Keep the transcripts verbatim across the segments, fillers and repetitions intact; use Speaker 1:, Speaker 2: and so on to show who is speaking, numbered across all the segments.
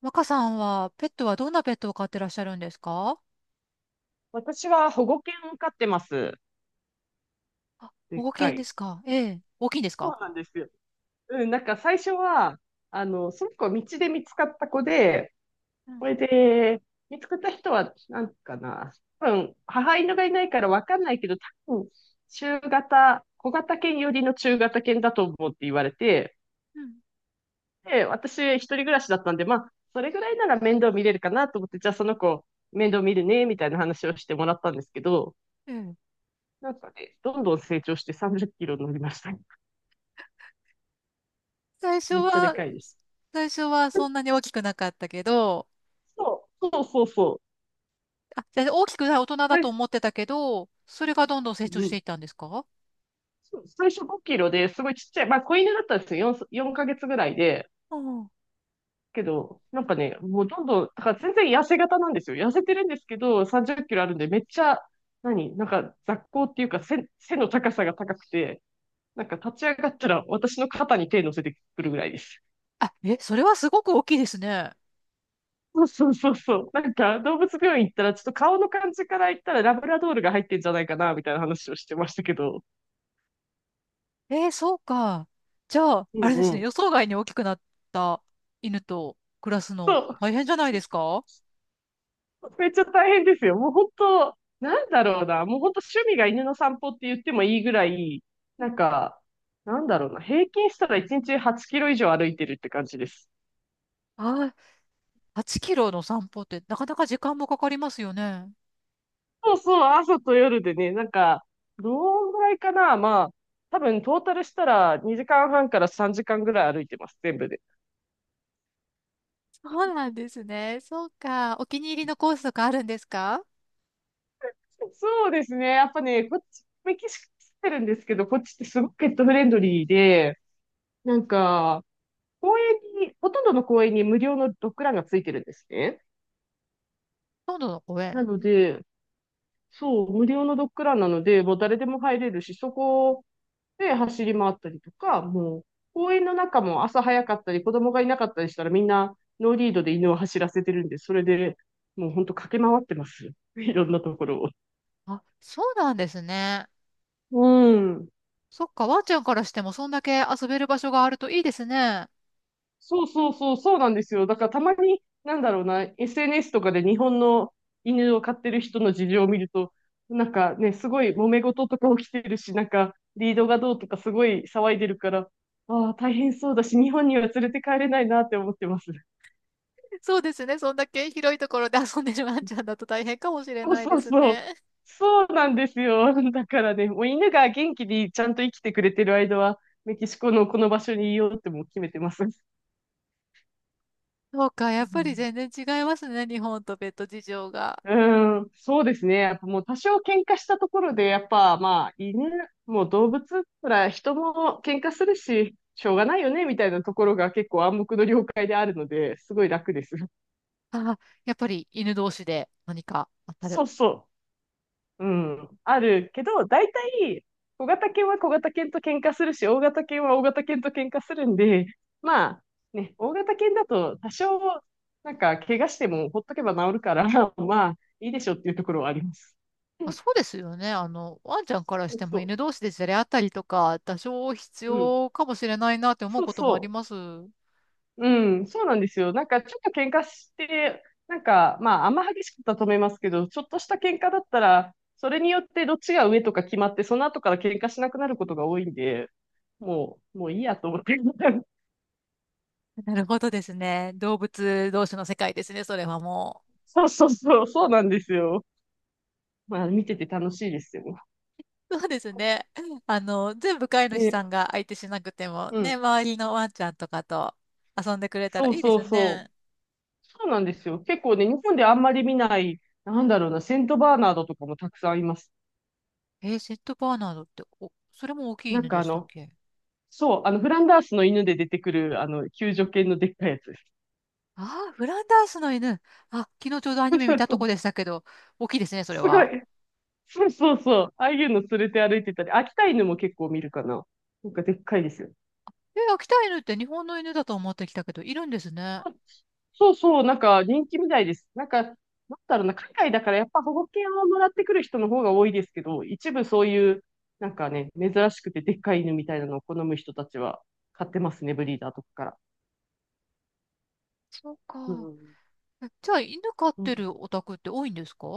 Speaker 1: 若さんは、ペットはどんなペットを飼ってらっしゃるんですか？
Speaker 2: 私は保護犬を飼ってます。
Speaker 1: あ、
Speaker 2: で
Speaker 1: 保
Speaker 2: っ
Speaker 1: 護
Speaker 2: か
Speaker 1: 犬で
Speaker 2: い。
Speaker 1: すか？ええ。大きいんです
Speaker 2: そ
Speaker 1: か？
Speaker 2: うなんですよ。うん、なんか最初は、あの、その子道で見つかった子で、
Speaker 1: う
Speaker 2: そ
Speaker 1: ん。
Speaker 2: れで、見つかった人は、なんかな、多分、母犬がいないからわかんないけど、多分、中型、小型犬寄りの中型犬だと思うって言われて、で、私一人暮らしだったんで、まあ、それぐらいなら面倒見れるかなと思って、じゃあその子、面倒見るね、みたいな話をしてもらったんですけど、
Speaker 1: うん。ええ。
Speaker 2: なんかね、どんどん成長してさんじゅっキロになりましたね。
Speaker 1: 最初
Speaker 2: めっちゃで
Speaker 1: は、
Speaker 2: かいです。
Speaker 1: 最初はそんなに大きくなかったけど、
Speaker 2: そうそうそうそ
Speaker 1: あ、じゃあ大きくない大人
Speaker 2: う。
Speaker 1: だ
Speaker 2: は
Speaker 1: と
Speaker 2: い。
Speaker 1: 思ってたけど、それがどんどん成長
Speaker 2: う
Speaker 1: してい
Speaker 2: ん、
Speaker 1: ったんですか？
Speaker 2: そう、最初ごキロですごいちっちゃい、まあ、子犬だったんですよ、よん、よんかげつぐらいで。
Speaker 1: うん。
Speaker 2: けど、なんかね、もうどんどん、だから全然痩せ型なんですよ。痩せてるんですけど、さんじゅっキロあるんで、めっちゃ、何、なんか雑行っていうか背、背の高さが高くて、なんか立ち上がったら私の肩に手乗せてくるぐらいです。
Speaker 1: あ、え、それはすごく大きいですね。
Speaker 2: そうそうそうそう。なんか動物病院行ったら、ちょっと顔の感じから言ったらラブラドールが入ってんじゃないかな、みたいな話をしてましたけど。
Speaker 1: ええ、そうか。じゃあ、
Speaker 2: う
Speaker 1: あれですね、
Speaker 2: ん、
Speaker 1: 予想外に大きくなった犬と暮らす
Speaker 2: そ
Speaker 1: の
Speaker 2: う。
Speaker 1: 大変じゃないですか？
Speaker 2: めっちゃ大変ですよ。もう本当、なんだろうな。もう本当趣味が犬の散歩って言ってもいいぐらい、なんか、なんだろうな。平均したらいちにちはちキロ以上歩いてるって感じです。
Speaker 1: ああ、はちキロの散歩ってなかなか時間もかかりますよね。
Speaker 2: そうそう、朝と夜でね、なんか、どんぐらいかな。まあ、多分トータルしたらにじかんはんからさんじかんぐらい歩いてます、全部で。
Speaker 1: そうなんですね。そうか。お気に入りのコースとかあるんですか？
Speaker 2: そうですね。やっぱね、こっち、メキシコ来てるんですけど、こっちってすごくペットフレンドリーで、なんか、公園に、ほとんどの公園に無料のドッグランがついてるんですね。
Speaker 1: 今度の公園。
Speaker 2: なので、そう、無料のドッグランなので、もう誰でも入れるし、そこで走り回ったりとか、もう、公園の中も朝早かったり、子供がいなかったりしたら、みんなノーリードで犬を走らせてるんで、それでもう本当駆け回ってます。いろんなところを。
Speaker 1: あ、そうなんですね。
Speaker 2: うん。
Speaker 1: そっか、ワンちゃんからしてもそんだけ遊べる場所があるといいですね。
Speaker 2: そうそうそう、そうなんですよ。だからたまに、なんだろうな、エスエヌエス とかで日本の犬を飼ってる人の事情を見ると、なんかね、すごい揉め事とか起きてるし、なんかリードがどうとかすごい騒いでるから、ああ、大変そうだし、日本には連れて帰れないなって思ってます。
Speaker 1: そうですね。そんだけ広いところで遊んでるワンちゃんだと大変かもしれ
Speaker 2: そう
Speaker 1: ない
Speaker 2: そ
Speaker 1: で
Speaker 2: う
Speaker 1: す
Speaker 2: そう。
Speaker 1: ね。
Speaker 2: そうなんですよ。だからね、もう犬が元気にちゃんと生きてくれてる間は、メキシコのこの場所にいようってもう決めてます。
Speaker 1: そうか。や
Speaker 2: う
Speaker 1: っぱり
Speaker 2: ん。
Speaker 1: 全然違いますね。日本とペット事情が。
Speaker 2: うーん、そうですね。やっぱもう多少喧嘩したところで、やっぱまあ犬、もう動物なら人も喧嘩するし、しょうがないよね、みたいなところが結構暗黙の了解であるので、すごい楽です。
Speaker 1: あ、やっぱり犬同士で何か当たる、
Speaker 2: そうそう。うん。あるけど、大体、小型犬は小型犬と喧嘩するし、大型犬は大型犬と喧嘩するんで、まあ、ね、大型犬だと多少、なんか、怪我してもほっとけば治るから、まあ、いいでしょっていうところはあります。
Speaker 1: まあ、そ うですよね。あの、ワンちゃんからしても
Speaker 2: そ
Speaker 1: 犬同士でじゃれ合ったりとか、多少必
Speaker 2: う。うん。
Speaker 1: 要かもしれないなって思う
Speaker 2: そう
Speaker 1: こともあり
Speaker 2: そ
Speaker 1: ます。
Speaker 2: う。うん、そうなんですよ。なんかちょっと喧嘩して、なんかまああんま激しくたとめますけど、ちょっとした喧嘩だったら、それによってどっちが上とか決まって、その後から喧嘩しなくなることが多いんで、もう、もういいやと思って。
Speaker 1: なるほどですね。動物同士の世界ですね、それはも
Speaker 2: そうそうそう、そうなんですよ。まあ見てて楽しいですよ。
Speaker 1: う。そうですね。あの、全部飼い主
Speaker 2: ね、
Speaker 1: さんが相手しなくても、
Speaker 2: う
Speaker 1: ね、
Speaker 2: ん。
Speaker 1: 周りのワンちゃんとかと遊んでくれたら
Speaker 2: そう
Speaker 1: いいで
Speaker 2: そ
Speaker 1: す
Speaker 2: うそう。
Speaker 1: ね。
Speaker 2: そうなんですよ。結構ね、日本であんまり見ない、なんだろうな、セントバーナードとかもたくさんいます。
Speaker 1: えー、セットバーナードって、お、それも大きい
Speaker 2: なん
Speaker 1: 犬
Speaker 2: か
Speaker 1: で
Speaker 2: あ
Speaker 1: したっ
Speaker 2: の、
Speaker 1: け？
Speaker 2: そう、あの、フランダースの犬で出てくる、あの、救助犬のでっかいやつです。
Speaker 1: ああー、フランダースの犬。あ、昨日ちょうどアニメ見たと こでしたけど、大きいですね、それ
Speaker 2: すご
Speaker 1: は。
Speaker 2: い。そうそうそう。ああいうの連れて歩いてたり、秋田犬も結構見るかな。なんかでっかいですよ。
Speaker 1: え、秋田犬って日本の犬だと思ってきたけど、いるんですね。
Speaker 2: あ、そうそう、なんか人気みたいです。なんか、なんだろうな、海外だからやっぱ保護犬をもらってくる人の方が多いですけど、一部そういう、なんかね、珍しくてでっかい犬みたいなのを好む人たちは買ってますね、ブリーダーとかから。
Speaker 1: そう
Speaker 2: う
Speaker 1: か。
Speaker 2: ん。
Speaker 1: え、じゃあ、犬飼っ
Speaker 2: う
Speaker 1: て
Speaker 2: ん、
Speaker 1: るお宅って多いんですか？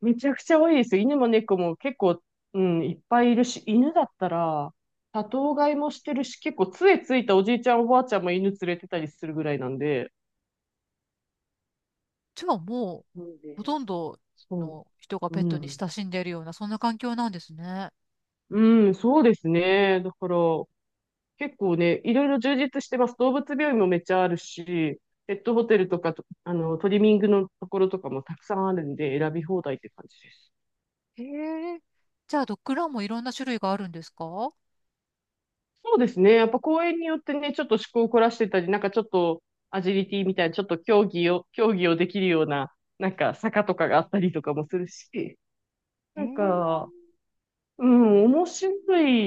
Speaker 2: めちゃくちゃ多いですよ。犬も猫も結構、うん、いっぱいいるし、犬だったら、多頭飼いもしてるし、結構杖ついたおじいちゃんおばあちゃんも犬連れてたりするぐらいなんで、
Speaker 1: じゃあもう、
Speaker 2: そう
Speaker 1: ほ
Speaker 2: ね。
Speaker 1: とんど
Speaker 2: そ
Speaker 1: の人が
Speaker 2: う。
Speaker 1: ペッ
Speaker 2: う
Speaker 1: トに
Speaker 2: ん。
Speaker 1: 親しんでいるような、そんな環境なんですね。
Speaker 2: うん、そうですね。だから、結構ね、いろいろ充実してます。動物病院もめっちゃあるし、ペットホテルとかと、あの、トリミングのところとかもたくさんあるんで、選び放題って感じです。
Speaker 1: へえ。じゃあ、ドッグランもいろんな種類があるんですか？
Speaker 2: そうですね。やっぱ公園によってね、ちょっと趣向を凝らしてたり、なんかちょっとアジリティみたいな、ちょっと競技を、競技をできるような、なんか坂とかがあったりとかもするし、
Speaker 1: へ
Speaker 2: なん
Speaker 1: え。
Speaker 2: か、うん、面白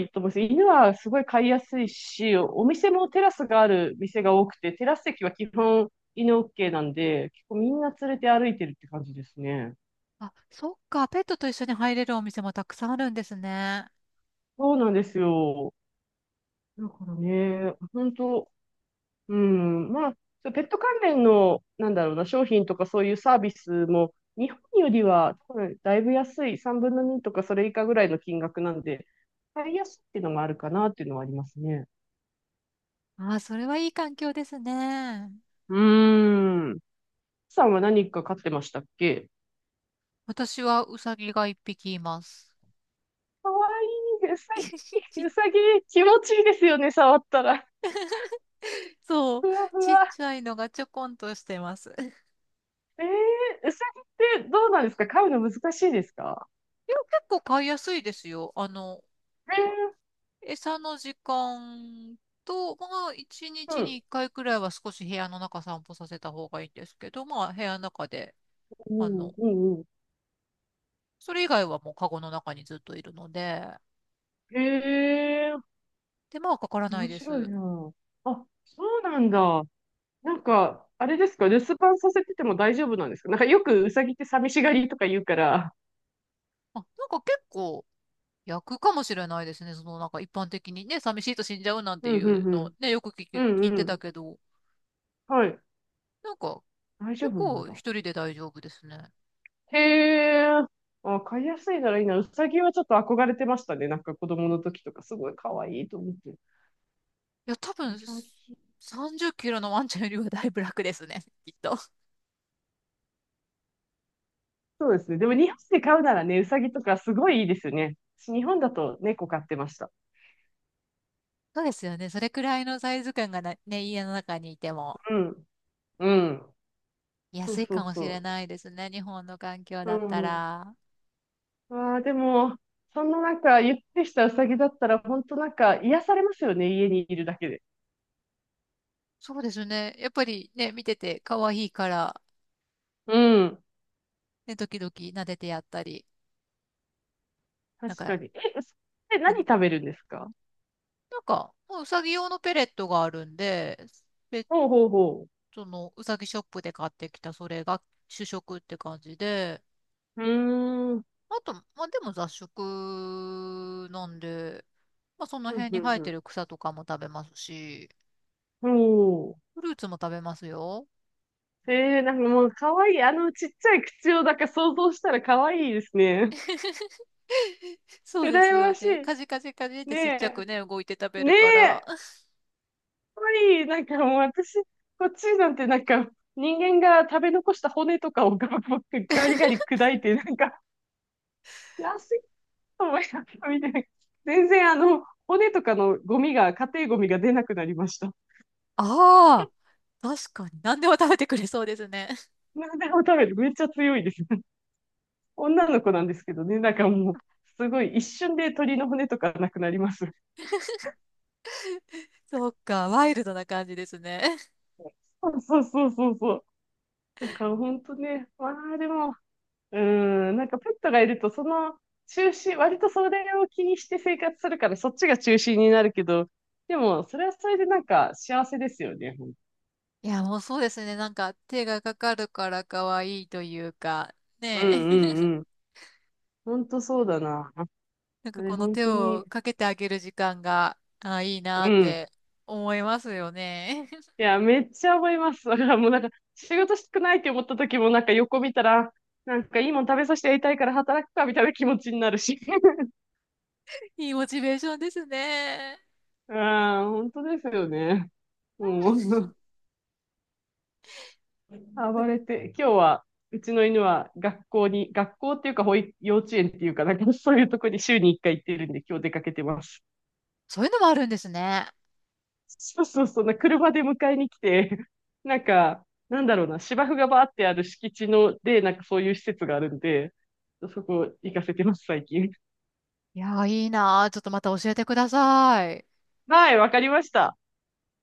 Speaker 2: いと思います。犬はすごい飼いやすいし、お店もテラスがある店が多くて、テラス席は基本犬 オーケー なんで、結構みんな連れて歩いてるって感じですね。
Speaker 1: あ、そっか。ペットと一緒に入れるお店もたくさんあるんですね。
Speaker 2: そうなんですよ。だからね、本当、うん、まあ、そうペット関連の、なんだろうな、商品とかそういうサービスも、日本よりは多分だいぶ安い、さんぶんのにとかそれ以下ぐらいの金額なんで、買いやすいっていうのもあるかなっていうのはありますね。
Speaker 1: ああ、それはいい環境ですね。
Speaker 2: うーん。さんは何か飼ってましたっけ？
Speaker 1: 私はウサギが一匹います。
Speaker 2: かわいい、うさ
Speaker 1: ち
Speaker 2: ぎ、
Speaker 1: っ
Speaker 2: うさぎ、気持ちいいですよね、触ったら。
Speaker 1: そう。
Speaker 2: ふわふ
Speaker 1: ちっ
Speaker 2: わ。
Speaker 1: ちゃいのがちょこんとしてます。いや、
Speaker 2: えー、うさぎってどうなんですか？飼うの難しいですか？
Speaker 1: 結構買いやすいですよ。あの、
Speaker 2: え
Speaker 1: 餌の時間と、まあ、1
Speaker 2: ー、う
Speaker 1: 日に
Speaker 2: ん。
Speaker 1: いっかいくらいは少し部屋の中散歩させた方がいいんですけど、まあ、部屋の中で、
Speaker 2: う
Speaker 1: あの、
Speaker 2: ん、うん、うん。
Speaker 1: それ以外はもうカゴの中にずっといるので、
Speaker 2: えー、
Speaker 1: 手間はかからな
Speaker 2: 面
Speaker 1: いで
Speaker 2: 白い
Speaker 1: す。
Speaker 2: な。あ、そうなんだ。なんか、あれですか、留守番させてても大丈夫なんですか？なんかよくウサギって寂しがりとか言うから。
Speaker 1: あ、なんか結構役かもしれないですね。その、なんか一般的にね、寂しいと死んじゃうなん
Speaker 2: う
Speaker 1: て
Speaker 2: ん
Speaker 1: い
Speaker 2: う
Speaker 1: う
Speaker 2: んう
Speaker 1: の
Speaker 2: ん。
Speaker 1: ね、よく聞き、
Speaker 2: う
Speaker 1: 聞い
Speaker 2: んう
Speaker 1: てた
Speaker 2: ん。
Speaker 1: けど、
Speaker 2: はい。
Speaker 1: なんか
Speaker 2: 大丈
Speaker 1: 結
Speaker 2: 夫なん
Speaker 1: 構一
Speaker 2: だ。
Speaker 1: 人で大丈夫ですね。
Speaker 2: へえ。あ、飼いやすいならいいな。ウサギはちょっと憧れてましたね。なんか子供の時とかすごい可愛いと思って。
Speaker 1: いや、多分、
Speaker 2: ウサ
Speaker 1: す
Speaker 2: ギ。
Speaker 1: さんじゅっキロのワンちゃんよりはだいぶ楽ですね、きっと。
Speaker 2: そうですね。でも日本で飼うならね、ウサギとかすごいいいですよね。私日本だと猫飼ってました。
Speaker 1: そうですよね。それくらいのサイズ感がな、ね、家の中にいても
Speaker 2: うん。うん。そ
Speaker 1: 安
Speaker 2: う
Speaker 1: い
Speaker 2: そ
Speaker 1: か
Speaker 2: う
Speaker 1: もしれ
Speaker 2: そ
Speaker 1: ないですね。日本の環境
Speaker 2: う。う
Speaker 1: だった
Speaker 2: ん、
Speaker 1: ら。
Speaker 2: わあ、でも、そんななんか、ゆってしたうさぎだったら、本当なんか、癒されますよね、家にいるだけで。
Speaker 1: そうですね。やっぱりね、見てて可愛いから、
Speaker 2: うん。
Speaker 1: ね、時々撫でてやったり。なん
Speaker 2: 確か
Speaker 1: か、
Speaker 2: に。え、うさぎって
Speaker 1: う
Speaker 2: 何
Speaker 1: ん
Speaker 2: 食べるんですか？
Speaker 1: なんか、もううさぎ用のペレットがあるんで、ペッ
Speaker 2: ほうほうほ
Speaker 1: トのうさぎショップで買ってきたそれが主食って感じで、
Speaker 2: う。うーん。
Speaker 1: あと、まあでも雑食なんで、まあその
Speaker 2: ふん
Speaker 1: 辺
Speaker 2: ふ
Speaker 1: に
Speaker 2: ん
Speaker 1: 生え
Speaker 2: ふ
Speaker 1: て
Speaker 2: ん。
Speaker 1: る草とかも食べますし、
Speaker 2: おー。
Speaker 1: フルーツも食べますよ。
Speaker 2: えー、なんかもう、かわいい。あの、ちっちゃい口を、なんか想像したらかわいいですね。
Speaker 1: そうです
Speaker 2: 羨
Speaker 1: よ
Speaker 2: ましい。
Speaker 1: ね。カジカジカジってちっちゃ
Speaker 2: ね
Speaker 1: く
Speaker 2: え。
Speaker 1: ね、動いて食べる
Speaker 2: ね
Speaker 1: か
Speaker 2: え。
Speaker 1: ら。
Speaker 2: かわいい。なんかもう、私、こっちなんてなんか、人間が食べ残した骨とかをガブガブガリガリ砕いて、なんか、安思い出したみたいな。全然あの、骨とかのゴミが、家庭ゴミが出なくなりました。
Speaker 1: ああ、確かに。何でも食べてくれそうですね。
Speaker 2: 何でも食べる。めっちゃ強いです。女の子なんですけどね、なんかもう、すごい一瞬で鳥の骨とかなくなります。
Speaker 1: そっか、ワイルドな感じですね。
Speaker 2: そうそうそうそうそう。なんか本当ね、まあでも、うーん、なんかペットがいると、その中心、割とそれを気にして生活するから、そっちが中心になるけど、でも、それはそれでなんか幸せですよね。
Speaker 1: いや、もうそうですね。なんか手がかかるから可愛いというか、
Speaker 2: うんう
Speaker 1: ねえ。
Speaker 2: んうん。本当そうだな。あ
Speaker 1: なんか
Speaker 2: れ、
Speaker 1: この
Speaker 2: 本
Speaker 1: 手
Speaker 2: 当
Speaker 1: を
Speaker 2: に、
Speaker 1: かけてあげる時間が、あ、いいな
Speaker 2: う
Speaker 1: っ
Speaker 2: ん。
Speaker 1: て思いますよね。
Speaker 2: いや、めっちゃ思います。だからもうなんか、仕事したくないって思った時も、なんか横見たら、なんかいいもん食べさせてやりたいから働くか、みたいな気持ちになるし。
Speaker 1: いいモチベーションですね。
Speaker 2: ああ本当ですよね。もう、暴れて、今日は、うちの犬は学校に、学校っていうか保育、幼稚園っていうか、なんかそういうとこに週にいっかい行ってるんで、今日出かけてます。
Speaker 1: そういうのもあるんですね。
Speaker 2: そうそうそう、な車で迎えに来て、なんか、なんだろうな、芝生がバーってある敷地の、で、なんかそういう施設があるんで、そこ行かせてます、最近。
Speaker 1: いやー、いいなー。ちょっとまた教えてください。
Speaker 2: はい、わかりました。